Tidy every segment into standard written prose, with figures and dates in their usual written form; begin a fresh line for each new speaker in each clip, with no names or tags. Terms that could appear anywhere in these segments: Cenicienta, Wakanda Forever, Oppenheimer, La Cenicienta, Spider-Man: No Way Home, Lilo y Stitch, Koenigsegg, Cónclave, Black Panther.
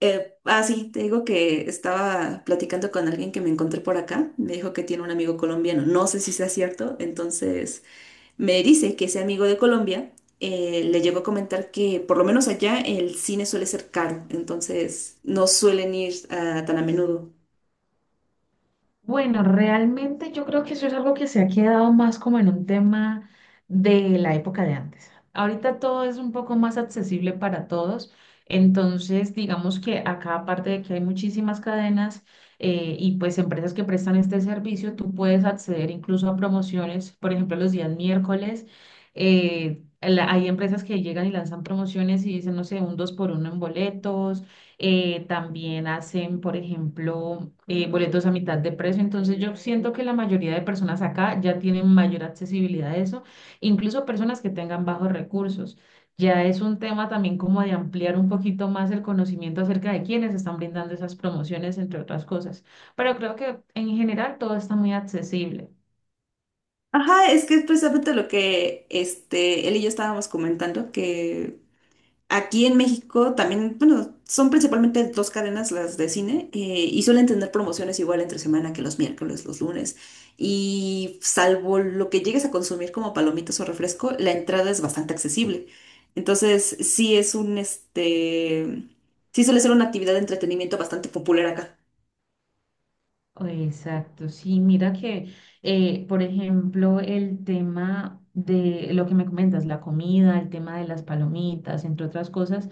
Sí, te digo que estaba platicando con alguien que me encontré por acá. Me dijo que tiene un amigo colombiano. No sé si sea cierto. Entonces me dice que ese amigo de Colombia le llegó a comentar que por lo menos allá el cine suele ser caro. Entonces no suelen ir tan a menudo.
Bueno, realmente yo creo que eso es algo que se ha quedado más como en un tema de la época de antes. Ahorita todo es un poco más accesible para todos, entonces digamos que acá aparte de que hay muchísimas cadenas y pues empresas que prestan este servicio, tú puedes acceder incluso a promociones, por ejemplo los días miércoles, hay empresas que llegan y lanzan promociones y dicen, no sé, un dos por uno en boletos también hacen, por ejemplo, boletos a mitad de precio. Entonces yo siento que la mayoría de personas acá ya tienen mayor accesibilidad a eso, incluso personas que tengan bajos recursos. Ya es un tema también como de ampliar un poquito más el conocimiento acerca de quiénes están brindando esas promociones, entre otras cosas. Pero creo que en general todo está muy accesible.
Ajá, es que es precisamente lo que él y yo estábamos comentando, que aquí en México también, bueno, son principalmente dos cadenas las de cine, y suelen tener promociones igual entre semana que los miércoles, los lunes. Y salvo lo que llegues a consumir como palomitas o refresco, la entrada es bastante accesible. Entonces, sí suele ser una actividad de entretenimiento bastante popular acá.
Exacto, sí, mira que, por ejemplo, el tema de lo que me comentas, la comida, el tema de las palomitas, entre otras cosas,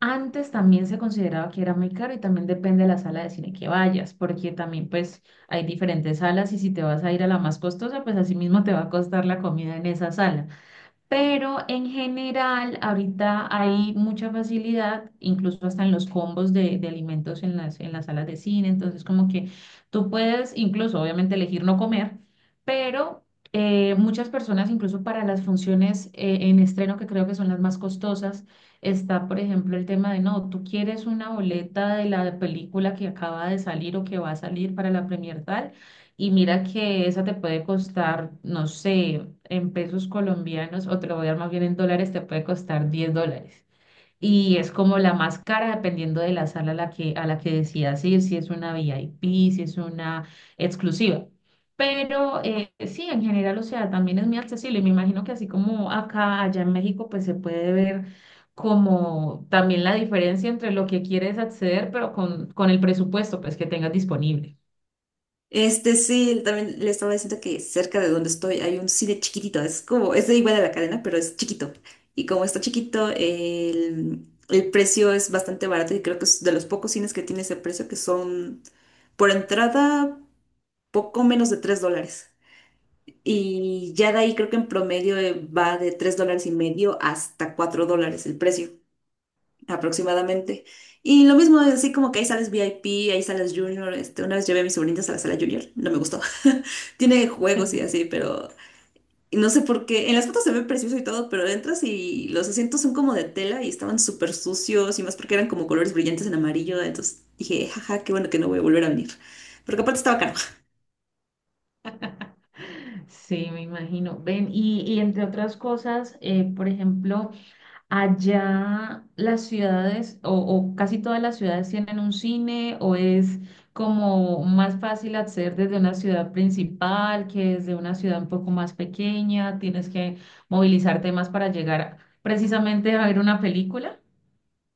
antes también se consideraba que era muy caro y también depende de la sala de cine que vayas, porque también pues hay diferentes salas y si te vas a ir a la más costosa, pues así mismo te va a costar la comida en esa sala. Pero en general, ahorita hay mucha facilidad, incluso hasta en los combos de alimentos en las salas de cine. Entonces, como que tú puedes incluso, obviamente, elegir no comer, pero muchas personas, incluso para las funciones en estreno, que creo que son las más costosas, está, por ejemplo, el tema de, no, tú quieres una boleta de la película que acaba de salir o que va a salir para la premier tal y mira que esa te puede costar, no sé, en pesos colombianos, o te lo voy a dar más bien en dólares, te puede costar $10. Y es como la más cara dependiendo de la sala a la que decidas ir, si es una VIP, si es una exclusiva. Pero sí, en general, o sea, también es muy accesible. Y me imagino que así como acá, allá en México, pues se puede ver como también la diferencia entre lo que quieres acceder, pero con el presupuesto, pues, que tengas disponible.
Este sí, también le estaba diciendo que cerca de donde estoy hay un cine chiquitito, es como, es de igual a la cadena, pero es chiquito. Y como está chiquito, el precio es bastante barato y creo que es de los pocos cines que tiene ese precio, que son por entrada poco menos de 3 dólares. Y ya de ahí creo que en promedio va de 3 dólares y medio hasta 4 dólares el precio aproximadamente. Y lo mismo, así como que hay salas VIP, hay salas Junior. Una vez llevé a mis sobrinitas a la sala Junior, no me gustó. Tiene juegos y así, pero no sé por qué. En las fotos se ve precioso y todo, pero entras y los asientos son como de tela y estaban súper sucios y más porque eran como colores brillantes en amarillo. Entonces dije, jaja, qué bueno que no voy a volver a venir. Porque aparte estaba caro.
Sí, me imagino. Ven, y entre otras cosas, por ejemplo, allá las ciudades o casi todas las ciudades tienen un cine o es como más fácil acceder desde una ciudad principal que desde una ciudad un poco más pequeña, tienes que movilizarte más para llegar precisamente a ver una película.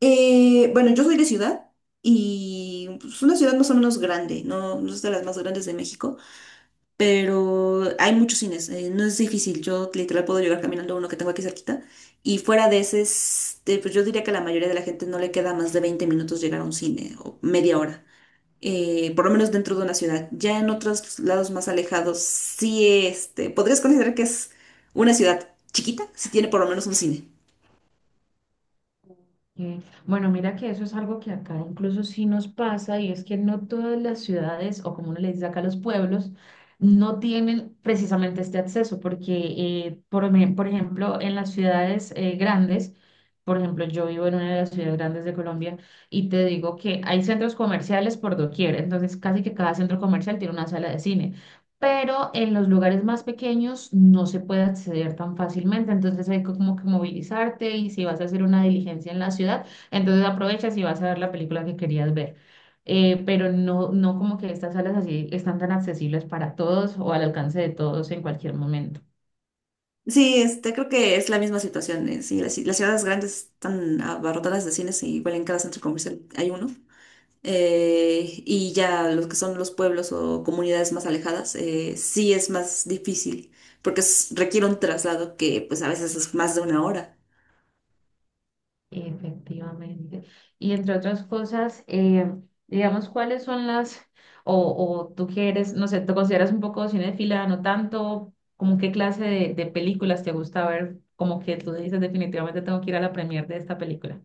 Bueno, yo soy de ciudad y es una ciudad más o menos grande, no, no es de las más grandes de México. Pero hay muchos cines, no es difícil, yo literal puedo llegar caminando a uno que tengo aquí cerquita y fuera de pues yo diría que a la mayoría de la gente no le queda más de 20 minutos llegar a un cine o media hora, por lo menos dentro de una ciudad. Ya en otros lados más alejados, sí, podrías considerar que es una ciudad chiquita si tiene por lo menos un cine.
Eh, Bueno, mira que eso es algo que acá incluso sí nos pasa y es que no todas las ciudades o como uno le dice acá los pueblos no tienen precisamente este acceso porque por ejemplo en las ciudades grandes, por ejemplo yo vivo en una de las ciudades grandes de Colombia y te digo que hay centros comerciales por doquier, entonces casi que cada centro comercial tiene una sala de cine pero en los lugares más pequeños no se puede acceder tan fácilmente, entonces hay que como que movilizarte y si vas a hacer una diligencia en la ciudad, entonces aprovechas y vas a ver la película que querías ver. Pero no, no como que estas salas así están tan accesibles para todos o al alcance de todos en cualquier momento.
Sí, creo que es la misma situación. Sí, las ciudades grandes están abarrotadas de cines y igual en cada centro comercial hay uno. Y ya los que son los pueblos o comunidades más alejadas, sí es más difícil, porque requiere un traslado que pues a veces es más de una hora.
Efectivamente. Y entre otras cosas, digamos, ¿cuáles son las, o, o tú que eres, no sé, te consideras un poco cinéfila, no tanto, como qué clase de películas te gusta ver, como que tú dices definitivamente tengo que ir a la premier de esta película?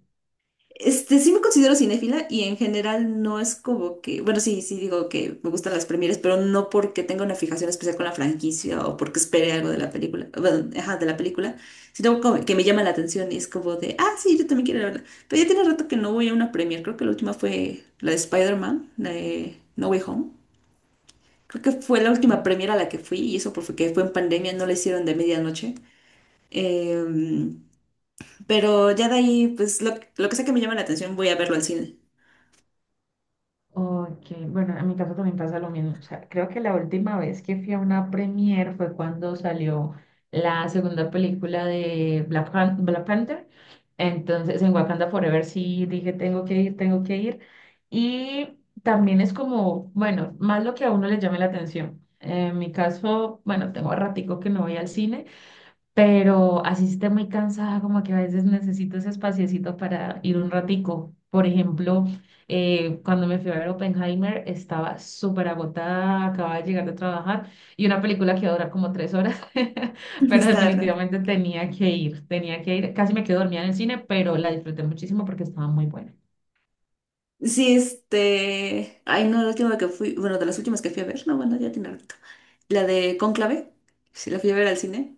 Sí me considero cinéfila y en general no es como que, bueno, sí, sí digo que me gustan las premieres, pero no porque tenga una fijación especial con la franquicia o porque espere algo de la película, bueno, ajá, de la película, sino como que me llama la atención y es como de, ah, sí, yo también quiero verla. Pero ya tiene rato que no voy a una premier, creo que la última fue la de Spider-Man, la de No Way Home. Creo que fue la última premiere a la que fui, y eso porque fue en pandemia, no la hicieron de medianoche. Eh, pero ya de ahí, pues lo que sea que me llama la atención, voy a verlo al cine.
Ok, bueno, en mi caso también pasa lo mismo. O sea, creo que la última vez que fui a una premiere fue cuando salió la segunda película de Black Panther. Entonces, en Wakanda Forever sí dije, tengo que ir, tengo que ir. Y también es como, bueno, más lo que a uno le llame la atención. En mi caso, bueno, tengo ratico que no voy al cine pero así esté muy cansada, como que a veces necesito ese espaciecito para ir un ratico. Por ejemplo, cuando me fui a ver Oppenheimer, estaba súper agotada, acababa de llegar de trabajar y una película que iba a durar como 3 horas, pero
Está raro.
definitivamente tenía que ir, tenía que ir. Casi me quedé dormida en el cine, pero la disfruté muchísimo porque estaba muy buena.
Sí, este. Ay, no, la última que fui, bueno, de las últimas que fui a ver, no, bueno, ya tiene rato. La de Cónclave, sí, la fui a ver al cine.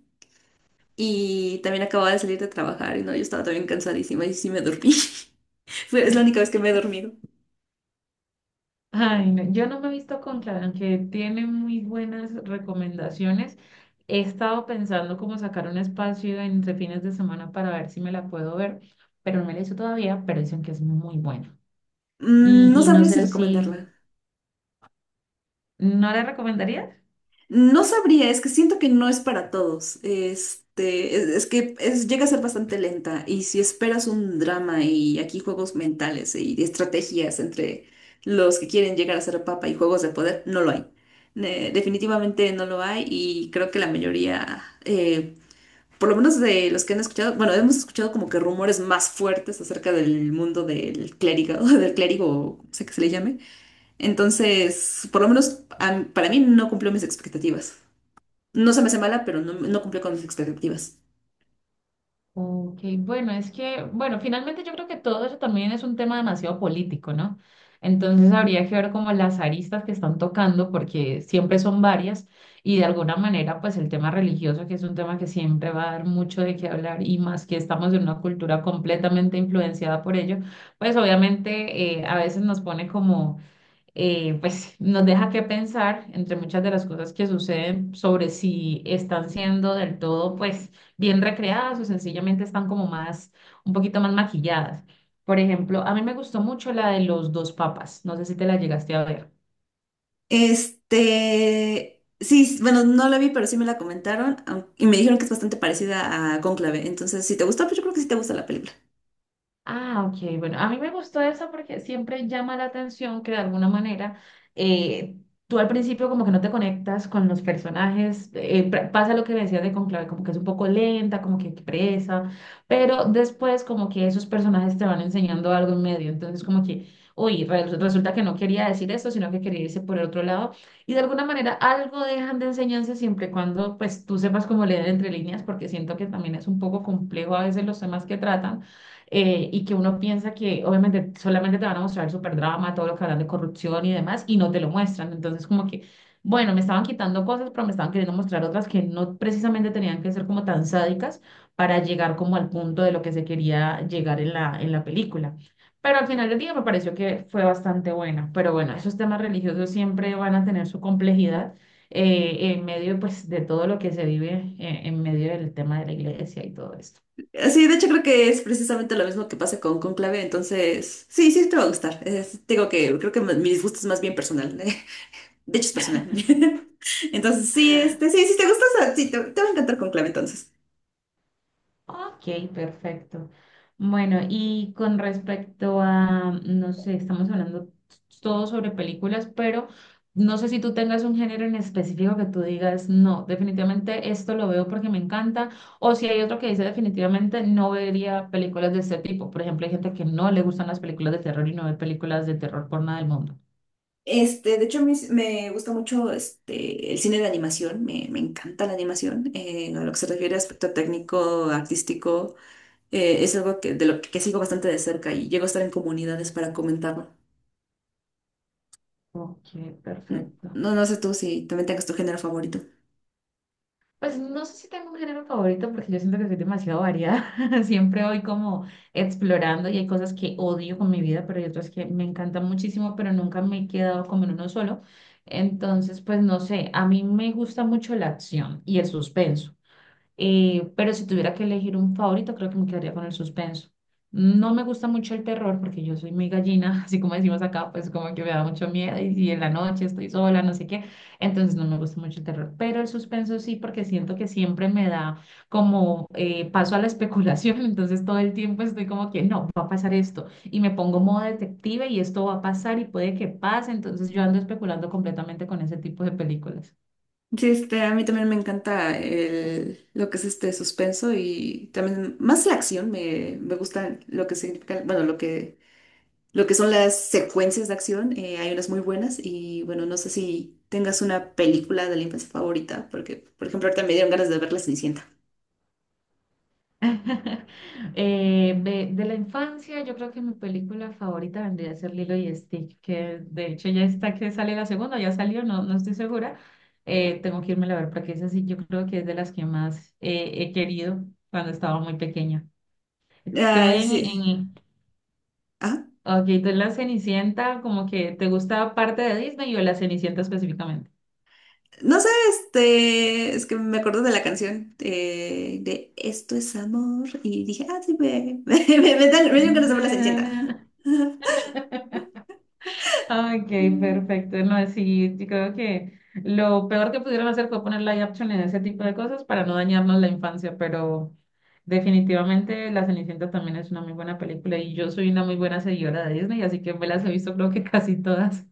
Y también acababa de salir de trabajar, y no, yo estaba también cansadísima y sí me dormí. Es la única vez que me he dormido.
Ay, no, yo no me he visto Cónclave, aunque tiene muy buenas recomendaciones. He estado pensando cómo sacar un espacio entre fines de semana para ver si me la puedo ver, pero no me la he visto todavía, pero dicen que es muy buena.
Mm, no
Y no
sabría si
sé si,
recomendarla.
¿no la recomendarías?
No sabría, es que siento que no es para todos. Es que llega a ser bastante lenta. Y si esperas un drama y aquí juegos mentales y estrategias entre los que quieren llegar a ser papa y juegos de poder, no lo hay. Definitivamente no lo hay. Y creo que la mayoría, por lo menos de los que han escuchado, bueno, hemos escuchado como que rumores más fuertes acerca del mundo del clérigo, del clérigo, o sea que se le llame. Entonces, por lo menos para mí no cumplió mis expectativas. No se me hace mala, pero no, no cumplió con mis expectativas.
Ok, bueno, es que, bueno, finalmente yo creo que todo eso también es un tema demasiado político, ¿no? Entonces habría que ver como las aristas que están tocando, porque siempre son varias, y de alguna manera, pues el tema religioso, que es un tema que siempre va a dar mucho de qué hablar, y más que estamos en una cultura completamente influenciada por ello, pues obviamente a veces nos pone como pues nos deja que pensar entre muchas de las cosas que suceden sobre si están siendo del todo pues bien recreadas o sencillamente están como más, un poquito más maquilladas. Por ejemplo, a mí me gustó mucho la de los dos papas, no sé si te la llegaste a ver.
Sí, bueno, no la vi, pero sí me la comentaron y me dijeron que es bastante parecida a Cónclave. Entonces, si te gustó, pues yo creo que sí te gusta la película.
Ah, ok. Bueno, a mí me gustó eso porque siempre llama la atención que de alguna manera eh, tú al principio como que no te conectas con los personajes. Pasa lo que me decías de Conclave, como que es un poco lenta, como que presa, pero después como que esos personajes te van enseñando algo en medio. Entonces como que, resulta que no quería decir eso, sino que quería irse por el otro lado. Y de alguna manera algo dejan de enseñanza siempre y cuando pues tú sepas cómo leer entre líneas, porque siento que también es un poco complejo a veces los temas que tratan y que uno piensa que obviamente solamente te van a mostrar el superdrama, todo lo que hablan de corrupción y demás, y no te lo muestran. Entonces, como que, bueno, me estaban quitando cosas, pero me estaban queriendo mostrar otras que no precisamente tenían que ser como tan sádicas para llegar como al punto de lo que se quería llegar en la película. Pero al final del día me pareció que fue bastante buena. Pero bueno, esos temas religiosos siempre van a tener su complejidad en medio pues de todo lo que se vive en medio del tema de la iglesia y todo esto.
Sí, de hecho creo que es precisamente lo mismo que pasa con Cónclave, entonces, sí, sí te va a gustar. Digo que creo que mi disgusto es más bien personal. De hecho, es personal. Entonces, sí, sí, si te gusta, o sea, sí, te va a encantar Cónclave, entonces.
Ok, perfecto. Bueno, y con respecto a, no sé, estamos hablando todo sobre películas, pero no sé si tú tengas un género en específico que tú digas, no, definitivamente esto lo veo porque me encanta, o si hay otro que dice definitivamente no vería películas de este tipo. Por ejemplo, hay gente que no le gustan las películas de terror y no ve películas de terror por nada del mundo.
De hecho, a mí me gusta mucho el cine de animación, me encanta la animación, a lo que se refiere a aspecto técnico, artístico, es algo que, de lo que sigo bastante de cerca y llego a estar en comunidades para comentarlo.
Ok, perfecto.
No, no sé tú si también tengas tu género favorito.
Pues no sé si tengo un género favorito porque yo siento que soy demasiado variada. Siempre voy como explorando y hay cosas que odio con mi vida, pero hay otras que me encantan muchísimo, pero nunca me he quedado como en uno solo. Entonces, pues no sé, a mí me gusta mucho la acción y el suspenso. Pero si tuviera que elegir un favorito, creo que me quedaría con el suspenso. No me gusta mucho el terror porque yo soy muy gallina, así como decimos acá, pues como que me da mucho miedo y si en la noche estoy sola, no sé qué, entonces no me gusta mucho el terror, pero el suspenso sí porque siento que siempre me da como paso a la especulación, entonces todo el tiempo estoy como que no, va a pasar esto y me pongo modo detective y esto va a pasar y puede que pase, entonces yo ando especulando completamente con ese tipo de películas.
Sí, a mí también me encanta lo que es este suspenso y también más la acción, me gusta lo que significa, bueno, lo que son las secuencias de acción, hay unas muy buenas y bueno, no sé si tengas una película de la infancia favorita, porque por ejemplo ahorita me dieron ganas de ver La Cenicienta.
De la infancia, yo creo que mi película favorita vendría a ser Lilo y Stitch, que de hecho ya está que sale la segunda, ya salió, no, no estoy segura. Tengo que irme a ver porque es así, yo creo que es de las que más he querido cuando estaba muy pequeña. Tú
Ay,
en,
sí.
en,
Ah,
ok, tú en la Cenicienta, como que te gusta parte de Disney o la Cenicienta específicamente.
no sé, es que me acuerdo de la canción de Esto es amor y dije, ah, sí, me dieron ganas de ver La
Na, na, na.
Cenicienta.
Ok, perfecto. No, sí, yo creo que lo peor que pudieron hacer fue poner live action en ese tipo de cosas para no dañarnos la infancia, pero definitivamente La Cenicienta también es una muy buena película y yo soy una muy buena seguidora de Disney, así que me las he visto creo que casi todas.